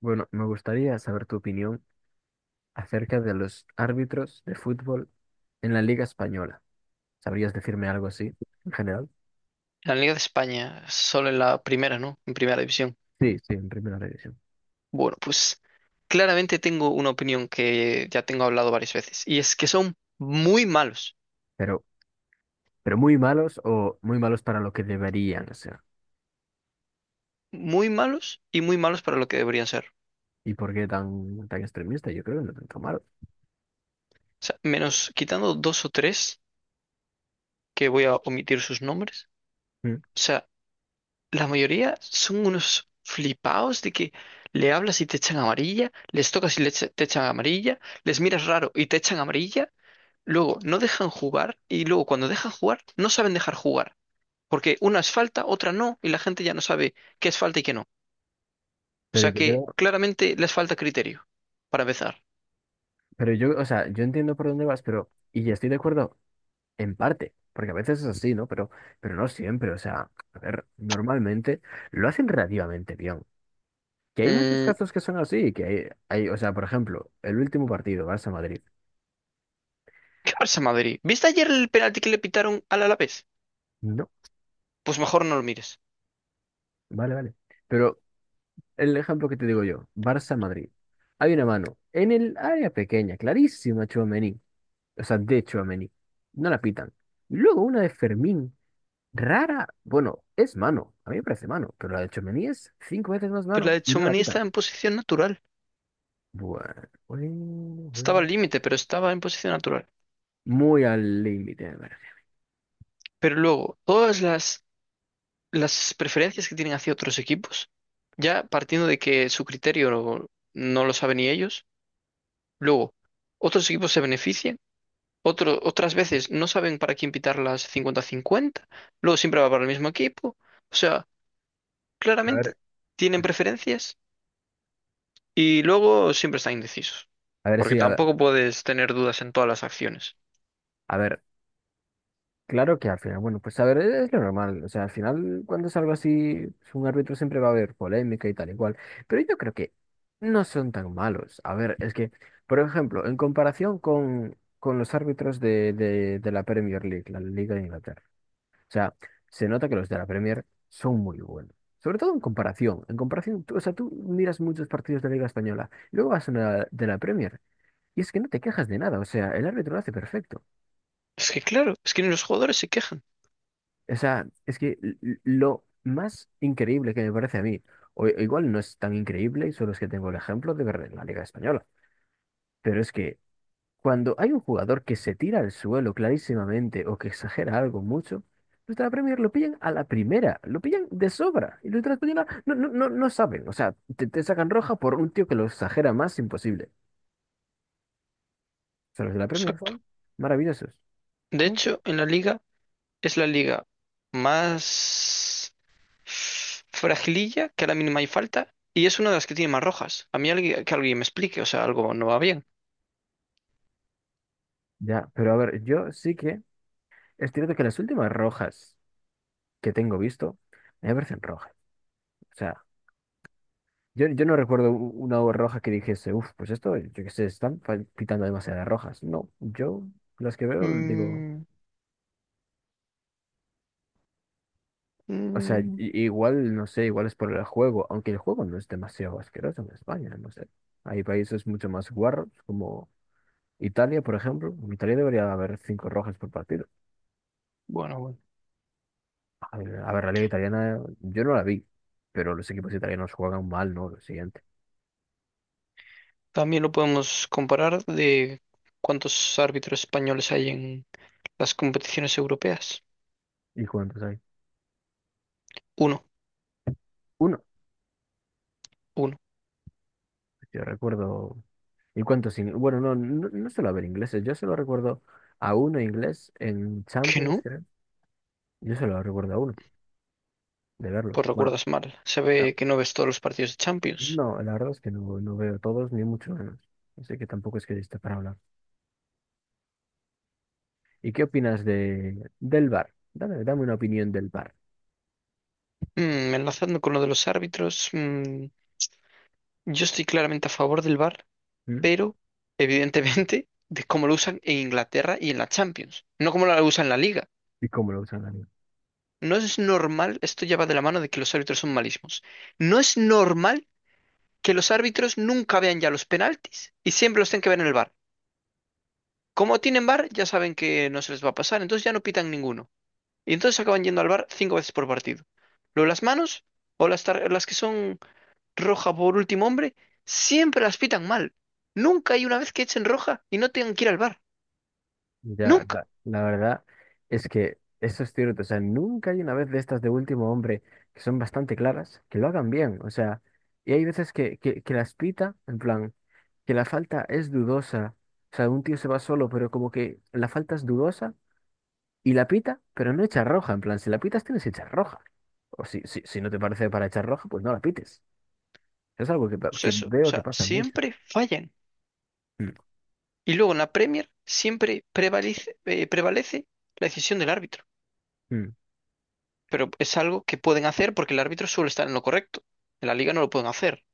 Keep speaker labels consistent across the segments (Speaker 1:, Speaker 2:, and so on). Speaker 1: Bueno, me gustaría saber tu opinión acerca de los árbitros de fútbol en la Liga Española. ¿Sabrías decirme algo así en general?
Speaker 2: La Liga de España, solo en la primera, ¿no? En primera división.
Speaker 1: Sí, sí, en primera división.
Speaker 2: Bueno, pues claramente tengo una opinión que ya tengo hablado varias veces, y es que son
Speaker 1: Pero, pero muy malos o muy malos para lo que deberían ser.
Speaker 2: muy malos y muy malos para lo que deberían ser.
Speaker 1: ¿Y por qué tan extremista? Yo creo que no tanto malo.
Speaker 2: O sea, menos quitando dos o tres, que voy a omitir sus nombres.
Speaker 1: Mm.
Speaker 2: O sea, la mayoría son unos flipaos de que le hablas y te echan amarilla, les tocas y te echan amarilla, les miras raro y te echan amarilla. Luego no dejan jugar y luego cuando dejan jugar no saben dejar jugar. Porque una es falta, otra no, y la gente ya no sabe qué es falta y qué no. O
Speaker 1: Pero
Speaker 2: sea
Speaker 1: yo
Speaker 2: que
Speaker 1: creo,
Speaker 2: claramente les falta criterio, para empezar.
Speaker 1: pero yo, o sea, yo entiendo por dónde vas, pero, y ya estoy de acuerdo en parte, porque a veces es así, ¿no? Pero no siempre, o sea, a ver, normalmente lo hacen relativamente bien. Que hay muchos
Speaker 2: Mm,
Speaker 1: casos que son así, que hay, o sea, por ejemplo, el último partido, Barça-Madrid.
Speaker 2: ¿Qué pasa, Madrid? ¿Viste ayer el penalti que le pitaron al Alavés?
Speaker 1: No,
Speaker 2: Pues mejor no lo mires.
Speaker 1: vale, vale. Pero el ejemplo que te digo yo, Barça-Madrid. Hay una mano en el área pequeña, clarísima, Tchouaméni. O sea, de Tchouaméni. No la pitan. Luego una de Fermín, rara. Bueno, es mano. A mí me parece mano, pero la de Tchouaméni es cinco veces más
Speaker 2: Pero la
Speaker 1: mano
Speaker 2: de
Speaker 1: y no la
Speaker 2: Tchouaméni
Speaker 1: pitan.
Speaker 2: estaba en posición natural.
Speaker 1: Bueno, bueno,
Speaker 2: Estaba al
Speaker 1: bueno.
Speaker 2: límite, pero estaba en posición natural.
Speaker 1: Muy al límite, me parece.
Speaker 2: Pero luego, todas las preferencias que tienen hacia otros equipos, ya partiendo de que su criterio no, no lo saben ni ellos, luego, otros equipos se benefician. Otras veces no saben para quién pitar las 50 cincuenta, luego siempre va para el mismo equipo. O sea,
Speaker 1: A
Speaker 2: claramente
Speaker 1: ver,
Speaker 2: tienen preferencias y luego siempre están indecisos,
Speaker 1: a ver
Speaker 2: porque
Speaker 1: si,
Speaker 2: tampoco puedes tener dudas en todas las acciones.
Speaker 1: a ver, Claro que al final, bueno, pues a ver, es lo normal. O sea, al final, cuando es algo así, pues, un árbitro siempre va a haber polémica y tal y cual. Pero yo creo que no son tan malos. A ver, es que, por ejemplo, en comparación con los árbitros de la Premier League, la Liga de Inglaterra. O sea, se nota que los de la Premier son muy buenos. Sobre todo en comparación. En comparación, o sea, tú miras muchos partidos de la Liga Española, luego vas a una de la Premier y es que no te quejas de nada. O sea, el árbitro lo hace perfecto.
Speaker 2: Es que claro, es que ni los jugadores se quejan.
Speaker 1: O sea, es que lo más increíble que me parece a mí, o igual no es tan increíble, y solo es que tengo el ejemplo de ver en la Liga Española, pero es que cuando hay un jugador que se tira al suelo clarísimamente o que exagera algo mucho, nuestra Premier lo pillan a la primera, lo pillan de sobra, y nuestra Española no saben, o sea, te sacan roja por un tío que lo exagera más imposible. O sea, los de la Premier
Speaker 2: Exacto.
Speaker 1: son maravillosos,
Speaker 2: De
Speaker 1: ¿no?
Speaker 2: hecho, en la liga es la liga más fragililla, que a la mínima hay falta, y es una de las que tiene más rojas. A mí alguien, que alguien me explique, o sea, algo no va bien.
Speaker 1: Ya, pero a ver, yo sí que es cierto que las últimas rojas, que tengo visto, me parecen rojas. O sea, yo no recuerdo una obra roja que dijese, uff, pues esto, yo qué sé, están quitando demasiadas rojas. No, yo las que veo, digo,
Speaker 2: Mm,
Speaker 1: o sea,
Speaker 2: mm,
Speaker 1: igual, no sé, igual es por el juego, aunque el juego no es demasiado asqueroso en España, no sé. Hay países mucho más guarros, como Italia, por ejemplo. En Italia debería haber cinco rojas por partido.
Speaker 2: bueno, bueno.
Speaker 1: A ver, la liga italiana, yo no la vi, pero los equipos italianos juegan mal, ¿no? Lo siguiente.
Speaker 2: También lo podemos comparar de cuántos árbitros españoles hay en las competiciones europeas.
Speaker 1: ¿Y cuántos hay?
Speaker 2: Uno,
Speaker 1: Uno.
Speaker 2: uno.
Speaker 1: Yo recuerdo ¿Y cuántos ingleses? Bueno, no suelo haber ingleses. Yo solo recuerdo a uno inglés en
Speaker 2: ¿Que
Speaker 1: Champions,
Speaker 2: no?
Speaker 1: creo. Yo solo recuerdo a uno, de verlo.
Speaker 2: Pues
Speaker 1: Bueno,
Speaker 2: recuerdas mal. Se
Speaker 1: a-
Speaker 2: ve que no ves todos los partidos de Champions.
Speaker 1: no, la verdad es que no veo todos, ni mucho menos. Así que tampoco es que esté para hablar. ¿Y qué opinas del bar dame una opinión del bar?
Speaker 2: Enlazando con lo de los árbitros, yo estoy claramente a favor del VAR, pero evidentemente de cómo lo usan en Inglaterra y en la Champions, no como lo usan en la Liga.
Speaker 1: ¿Y cómo lo usan ahí?
Speaker 2: No es normal, esto ya va de la mano de que los árbitros son malísimos. No es normal que los árbitros nunca vean ya los penaltis y siempre los tienen que ver en el VAR. Como tienen VAR, ya saben que no se les va a pasar, entonces ya no pitan ninguno. Y entonces acaban yendo al VAR cinco veces por partido. Luego las manos o las que son roja por último hombre, siempre las pitan mal. Nunca hay una vez que echen roja y no tengan que ir al VAR.
Speaker 1: Ya,
Speaker 2: Nunca.
Speaker 1: la verdad es que eso es cierto. O sea, nunca hay una vez de estas de último hombre que son bastante claras, que lo hagan bien. O sea, y hay veces que las pita, en plan, que la falta es dudosa. O sea, un tío se va solo, pero como que la falta es dudosa y la pita, pero no echa roja. En plan, si la pitas, tienes que echar roja. O si no te parece para echar roja, pues no la pites. Es algo que,
Speaker 2: Pues
Speaker 1: que
Speaker 2: eso, o
Speaker 1: veo que
Speaker 2: sea,
Speaker 1: pasa mucho.
Speaker 2: siempre fallan.
Speaker 1: Mm,
Speaker 2: Y luego en la Premier siempre prevalece la decisión del árbitro.
Speaker 1: mm.
Speaker 2: Pero es algo que pueden hacer porque el árbitro suele estar en lo correcto. En la liga no lo pueden hacer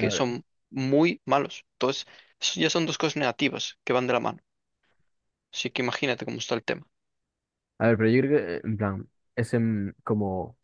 Speaker 1: A ver,
Speaker 2: son muy malos. Entonces, eso ya son dos cosas negativas que van de la mano. Así que imagínate cómo está el tema.
Speaker 1: a ver, pero yo creo que, en plan, es como,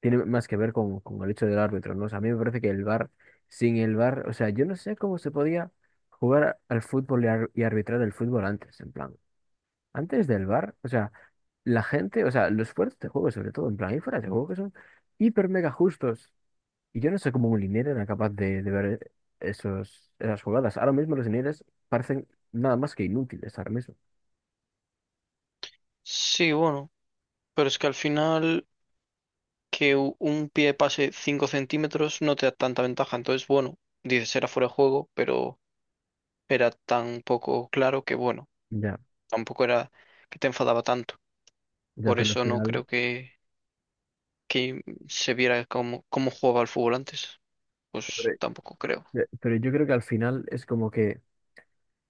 Speaker 1: tiene más que ver con el hecho del árbitro, ¿no? O sea, a mí me parece que el VAR, sin el VAR, o sea, yo no sé cómo se podía jugar al fútbol y arbitrar el fútbol antes, en plan, antes del VAR, o sea, la gente, o sea, los esfuerzos de este juego, sobre todo, en plan, hay fuerzas de juego que son hiper mega justos. Y yo no sé cómo un linier era capaz de ver esas jugadas. Ahora mismo los linieres parecen nada más que inútiles, ahora mismo.
Speaker 2: Sí, bueno, pero es que al final que un pie pase 5 centímetros no te da tanta ventaja. Entonces, bueno, dices era fuera de juego, pero era tan poco claro que, bueno,
Speaker 1: Ya,
Speaker 2: tampoco era que te enfadaba tanto.
Speaker 1: ya,
Speaker 2: Por
Speaker 1: pero al
Speaker 2: eso no
Speaker 1: final,
Speaker 2: creo que, que se viera cómo jugaba el fútbol antes. Pues
Speaker 1: pero
Speaker 2: tampoco creo.
Speaker 1: pero yo creo que al final es como que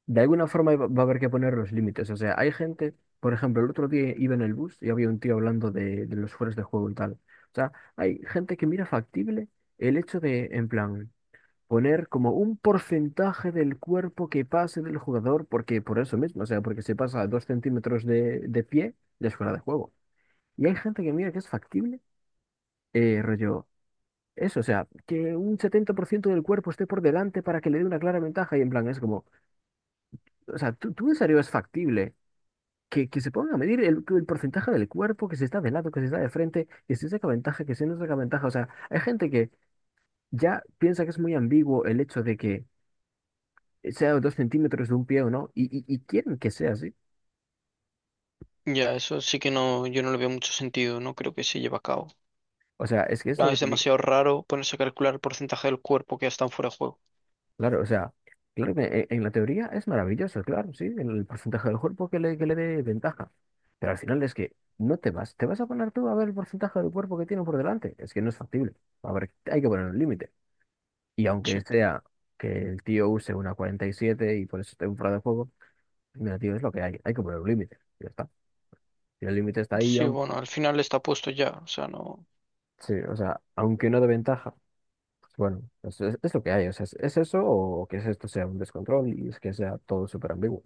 Speaker 1: de alguna forma va a haber que poner los límites. O sea, hay gente, por ejemplo, el otro día iba en el bus y había un tío hablando de los fueros de juego y tal. O sea, hay gente que mira factible el hecho de, en plan, poner como un porcentaje del cuerpo que pase del jugador, porque por eso mismo, o sea, porque se pasa a 2 centímetros de pie, ya es fuera de juego. Y hay gente que mira que es factible, rollo, eso, o sea, que un 70% del cuerpo esté por delante para que le dé una clara ventaja, y en plan, es como, o sea, ¿tú en serio es factible? Que se pongan a medir el porcentaje del cuerpo, que se está de lado, que se está de frente, que si saca ventaja, que si no saca ventaja. O sea, hay gente que ya piensa que es muy ambiguo el hecho de que sea 2 centímetros de un pie o no, y quieren que sea así.
Speaker 2: Ya, eso sí que no, yo no le veo mucho sentido, no creo que se lleve a cabo.
Speaker 1: O sea, es que es lo
Speaker 2: Ah,
Speaker 1: que
Speaker 2: es
Speaker 1: te digo.
Speaker 2: demasiado raro ponerse a calcular el porcentaje del cuerpo que ya están fuera de juego.
Speaker 1: Claro, o sea, claro que en, la teoría es maravilloso, claro, sí, el porcentaje del cuerpo que le dé ventaja. Pero al final es que no te vas, te vas a poner tú a ver el porcentaje del cuerpo que tiene por delante. Es que no es factible. A ver, hay que poner un límite. Y aunque
Speaker 2: Sí,
Speaker 1: sea que el tío use una 47 y siete y por eso esté un fuera de juego, mira, tío, es lo que hay. Hay que poner un límite. Ya está. Y el límite está ahí,
Speaker 2: sí,
Speaker 1: aunque,
Speaker 2: bueno, al final está puesto ya, o sea, no.
Speaker 1: sí, o sea, aunque no de ventaja. Bueno, es lo que hay, o sea, es eso o que es esto sea un descontrol y es que sea todo súper ambiguo.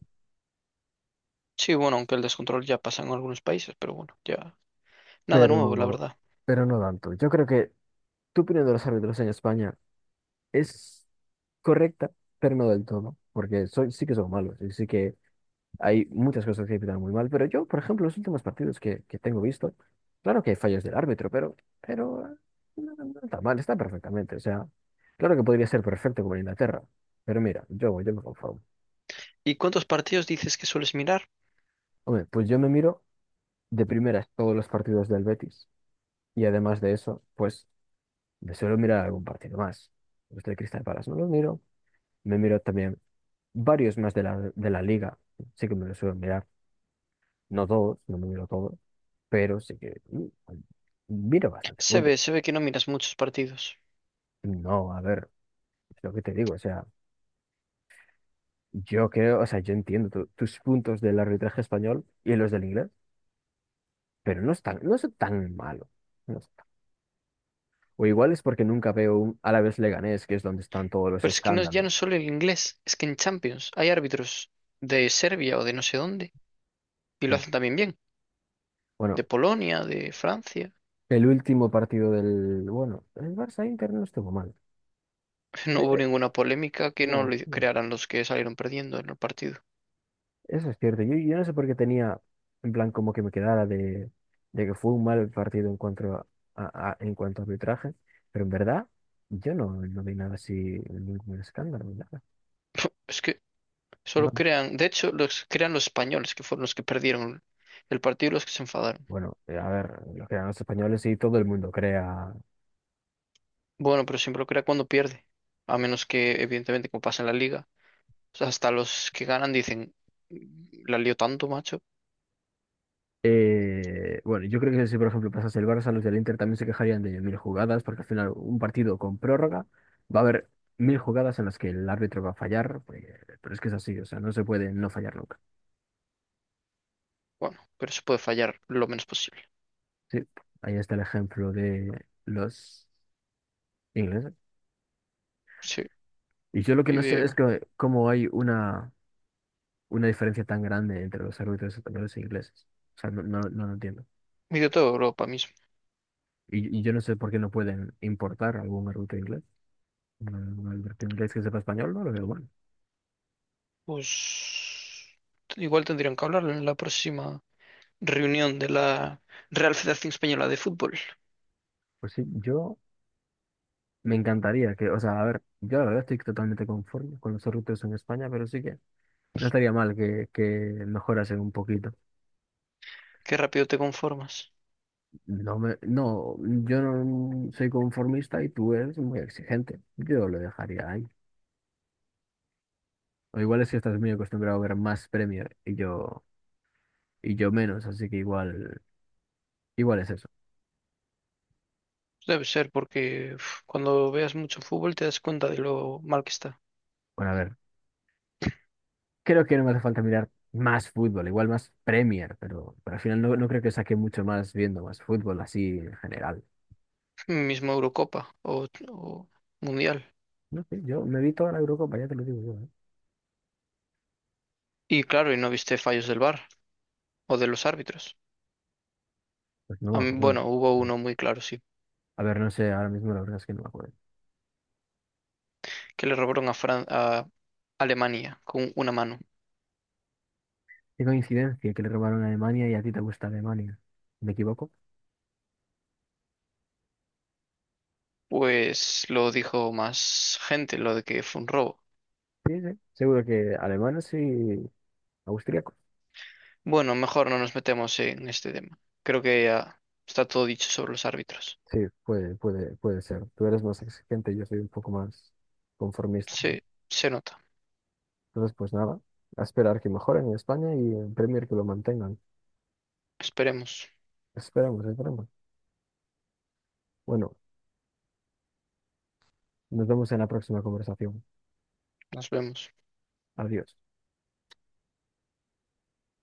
Speaker 2: Sí, bueno, aunque el descontrol ya pasa en algunos países, pero bueno, ya. Nada nuevo, la
Speaker 1: Pero,
Speaker 2: verdad.
Speaker 1: pero no tanto. Yo creo que tu opinión de los árbitros en España es correcta, pero no del todo, porque soy, sí que son malos, y sí que hay muchas cosas que pitan muy mal, pero yo, por ejemplo, los últimos partidos que tengo visto, claro que hay fallos del árbitro, pero no está mal, está perfectamente, o sea, claro que podría ser perfecto como en Inglaterra, pero mira, yo me conformo.
Speaker 2: ¿Y cuántos partidos dices que sueles mirar?
Speaker 1: Hombre, pues yo me miro de primeras todos los partidos del Betis. Y además de eso, pues me suelo mirar algún partido más. Los del Crystal Palace no los miro. Me miro también varios más de la liga. Sí que me los suelo mirar. No todos, no me miro todos, pero sí que miro bastante
Speaker 2: Se
Speaker 1: fútbol.
Speaker 2: ve, se ve que no miras muchos partidos.
Speaker 1: No, a ver, es lo que te digo. O sea, yo creo, o sea, yo entiendo tus puntos del arbitraje español y los del inglés, pero no es tan malo. No es tan- O igual es porque nunca veo un Alavés Leganés, que es donde están todos los
Speaker 2: Pero es que no, ya
Speaker 1: escándalos.
Speaker 2: no es solo el inglés, es que en Champions hay árbitros de Serbia o de no sé dónde, y lo
Speaker 1: Mm.
Speaker 2: hacen también bien, de
Speaker 1: Bueno,
Speaker 2: Polonia, de Francia.
Speaker 1: el último partido del... Bueno, el Barça-Inter no estuvo mal.
Speaker 2: No hubo ninguna polémica que no
Speaker 1: No,
Speaker 2: le
Speaker 1: sí,
Speaker 2: crearan los que salieron perdiendo en el partido.
Speaker 1: eso es cierto. Yo no sé por qué tenía, en plan, como que me quedara de que fue un mal partido en cuanto en cuanto a arbitraje, pero en verdad yo no vi nada así, ningún escándalo, ni nada.
Speaker 2: Es que solo
Speaker 1: No.
Speaker 2: crean, de hecho, los crean los españoles, que fueron los que perdieron el partido y los que se enfadaron.
Speaker 1: Bueno, a ver, los que eran los españoles y todo el mundo crea.
Speaker 2: Bueno, pero siempre lo crea cuando pierde. A menos que, evidentemente, como pasa en la liga, o sea, hasta los que ganan dicen, "Mm, la lío tanto, macho.
Speaker 1: Bueno, yo creo que si por ejemplo pasase el Barça, los del Inter también se quejarían de mil jugadas, porque al final un partido con prórroga va a haber mil jugadas en las que el árbitro va a fallar, pues, pero es que es así, o sea, no se puede no fallar nunca.
Speaker 2: Bueno, pero se puede fallar lo menos posible.
Speaker 1: Sí, ahí está el ejemplo de los ingleses.
Speaker 2: Sí,
Speaker 1: Y yo lo que
Speaker 2: y
Speaker 1: no sé es
Speaker 2: de,
Speaker 1: que cómo hay una diferencia tan grande entre los árbitros españoles e ingleses. O sea, no lo entiendo.
Speaker 2: y de toda Europa mismo.
Speaker 1: Y yo no sé por qué no pueden importar algún árbitro inglés. Un un árbitro inglés que sepa español, no lo veo bueno.
Speaker 2: Pues igual tendrían que hablar en la próxima reunión de la Real Federación Española de Fútbol.
Speaker 1: Pues sí, yo Me encantaría que, o sea, a ver, yo la verdad estoy totalmente conforme con los sorteos en España, pero sí que no estaría mal que mejorasen un poquito.
Speaker 2: Qué rápido te conformas.
Speaker 1: No, yo no soy conformista y tú eres muy exigente. Yo lo dejaría ahí. O igual es que estás muy acostumbrado a ver más Premier y yo menos, así que igual es eso.
Speaker 2: Debe ser porque uf, cuando veas mucho fútbol te das cuenta de lo mal que está.
Speaker 1: Bueno, a ver, creo que no me hace falta mirar más fútbol, igual más Premier, pero al final no creo que saque mucho más viendo más fútbol así en general.
Speaker 2: Mismo Eurocopa o Mundial.
Speaker 1: No sé, yo me vi toda la Eurocopa, ya te lo digo yo. ¿Eh?
Speaker 2: Y claro, y no viste fallos del VAR o de los árbitros.
Speaker 1: Pues no me acuerdo.
Speaker 2: Bueno, hubo uno muy claro, sí,
Speaker 1: A ver, no sé, ahora mismo la verdad es que no me acuerdo.
Speaker 2: que le robaron a Alemania con una mano.
Speaker 1: Qué coincidencia que le robaron a Alemania y a ti te gusta Alemania. ¿Me equivoco?
Speaker 2: Pues lo dijo más gente, lo de que fue un robo.
Speaker 1: Sí, sí. Seguro que alemanes y austríacos.
Speaker 2: Bueno, mejor no nos metemos en este tema. Creo que ya está todo dicho sobre los árbitros.
Speaker 1: Sí, puede ser. Tú eres más exigente, yo soy un poco más conformista.
Speaker 2: Sí, se nota.
Speaker 1: Entonces, pues nada, a esperar que mejoren en España y en Premier que lo mantengan.
Speaker 2: Esperemos.
Speaker 1: Esperamos, esperamos. Bueno, nos vemos en la próxima conversación.
Speaker 2: Nos vemos.
Speaker 1: Adiós.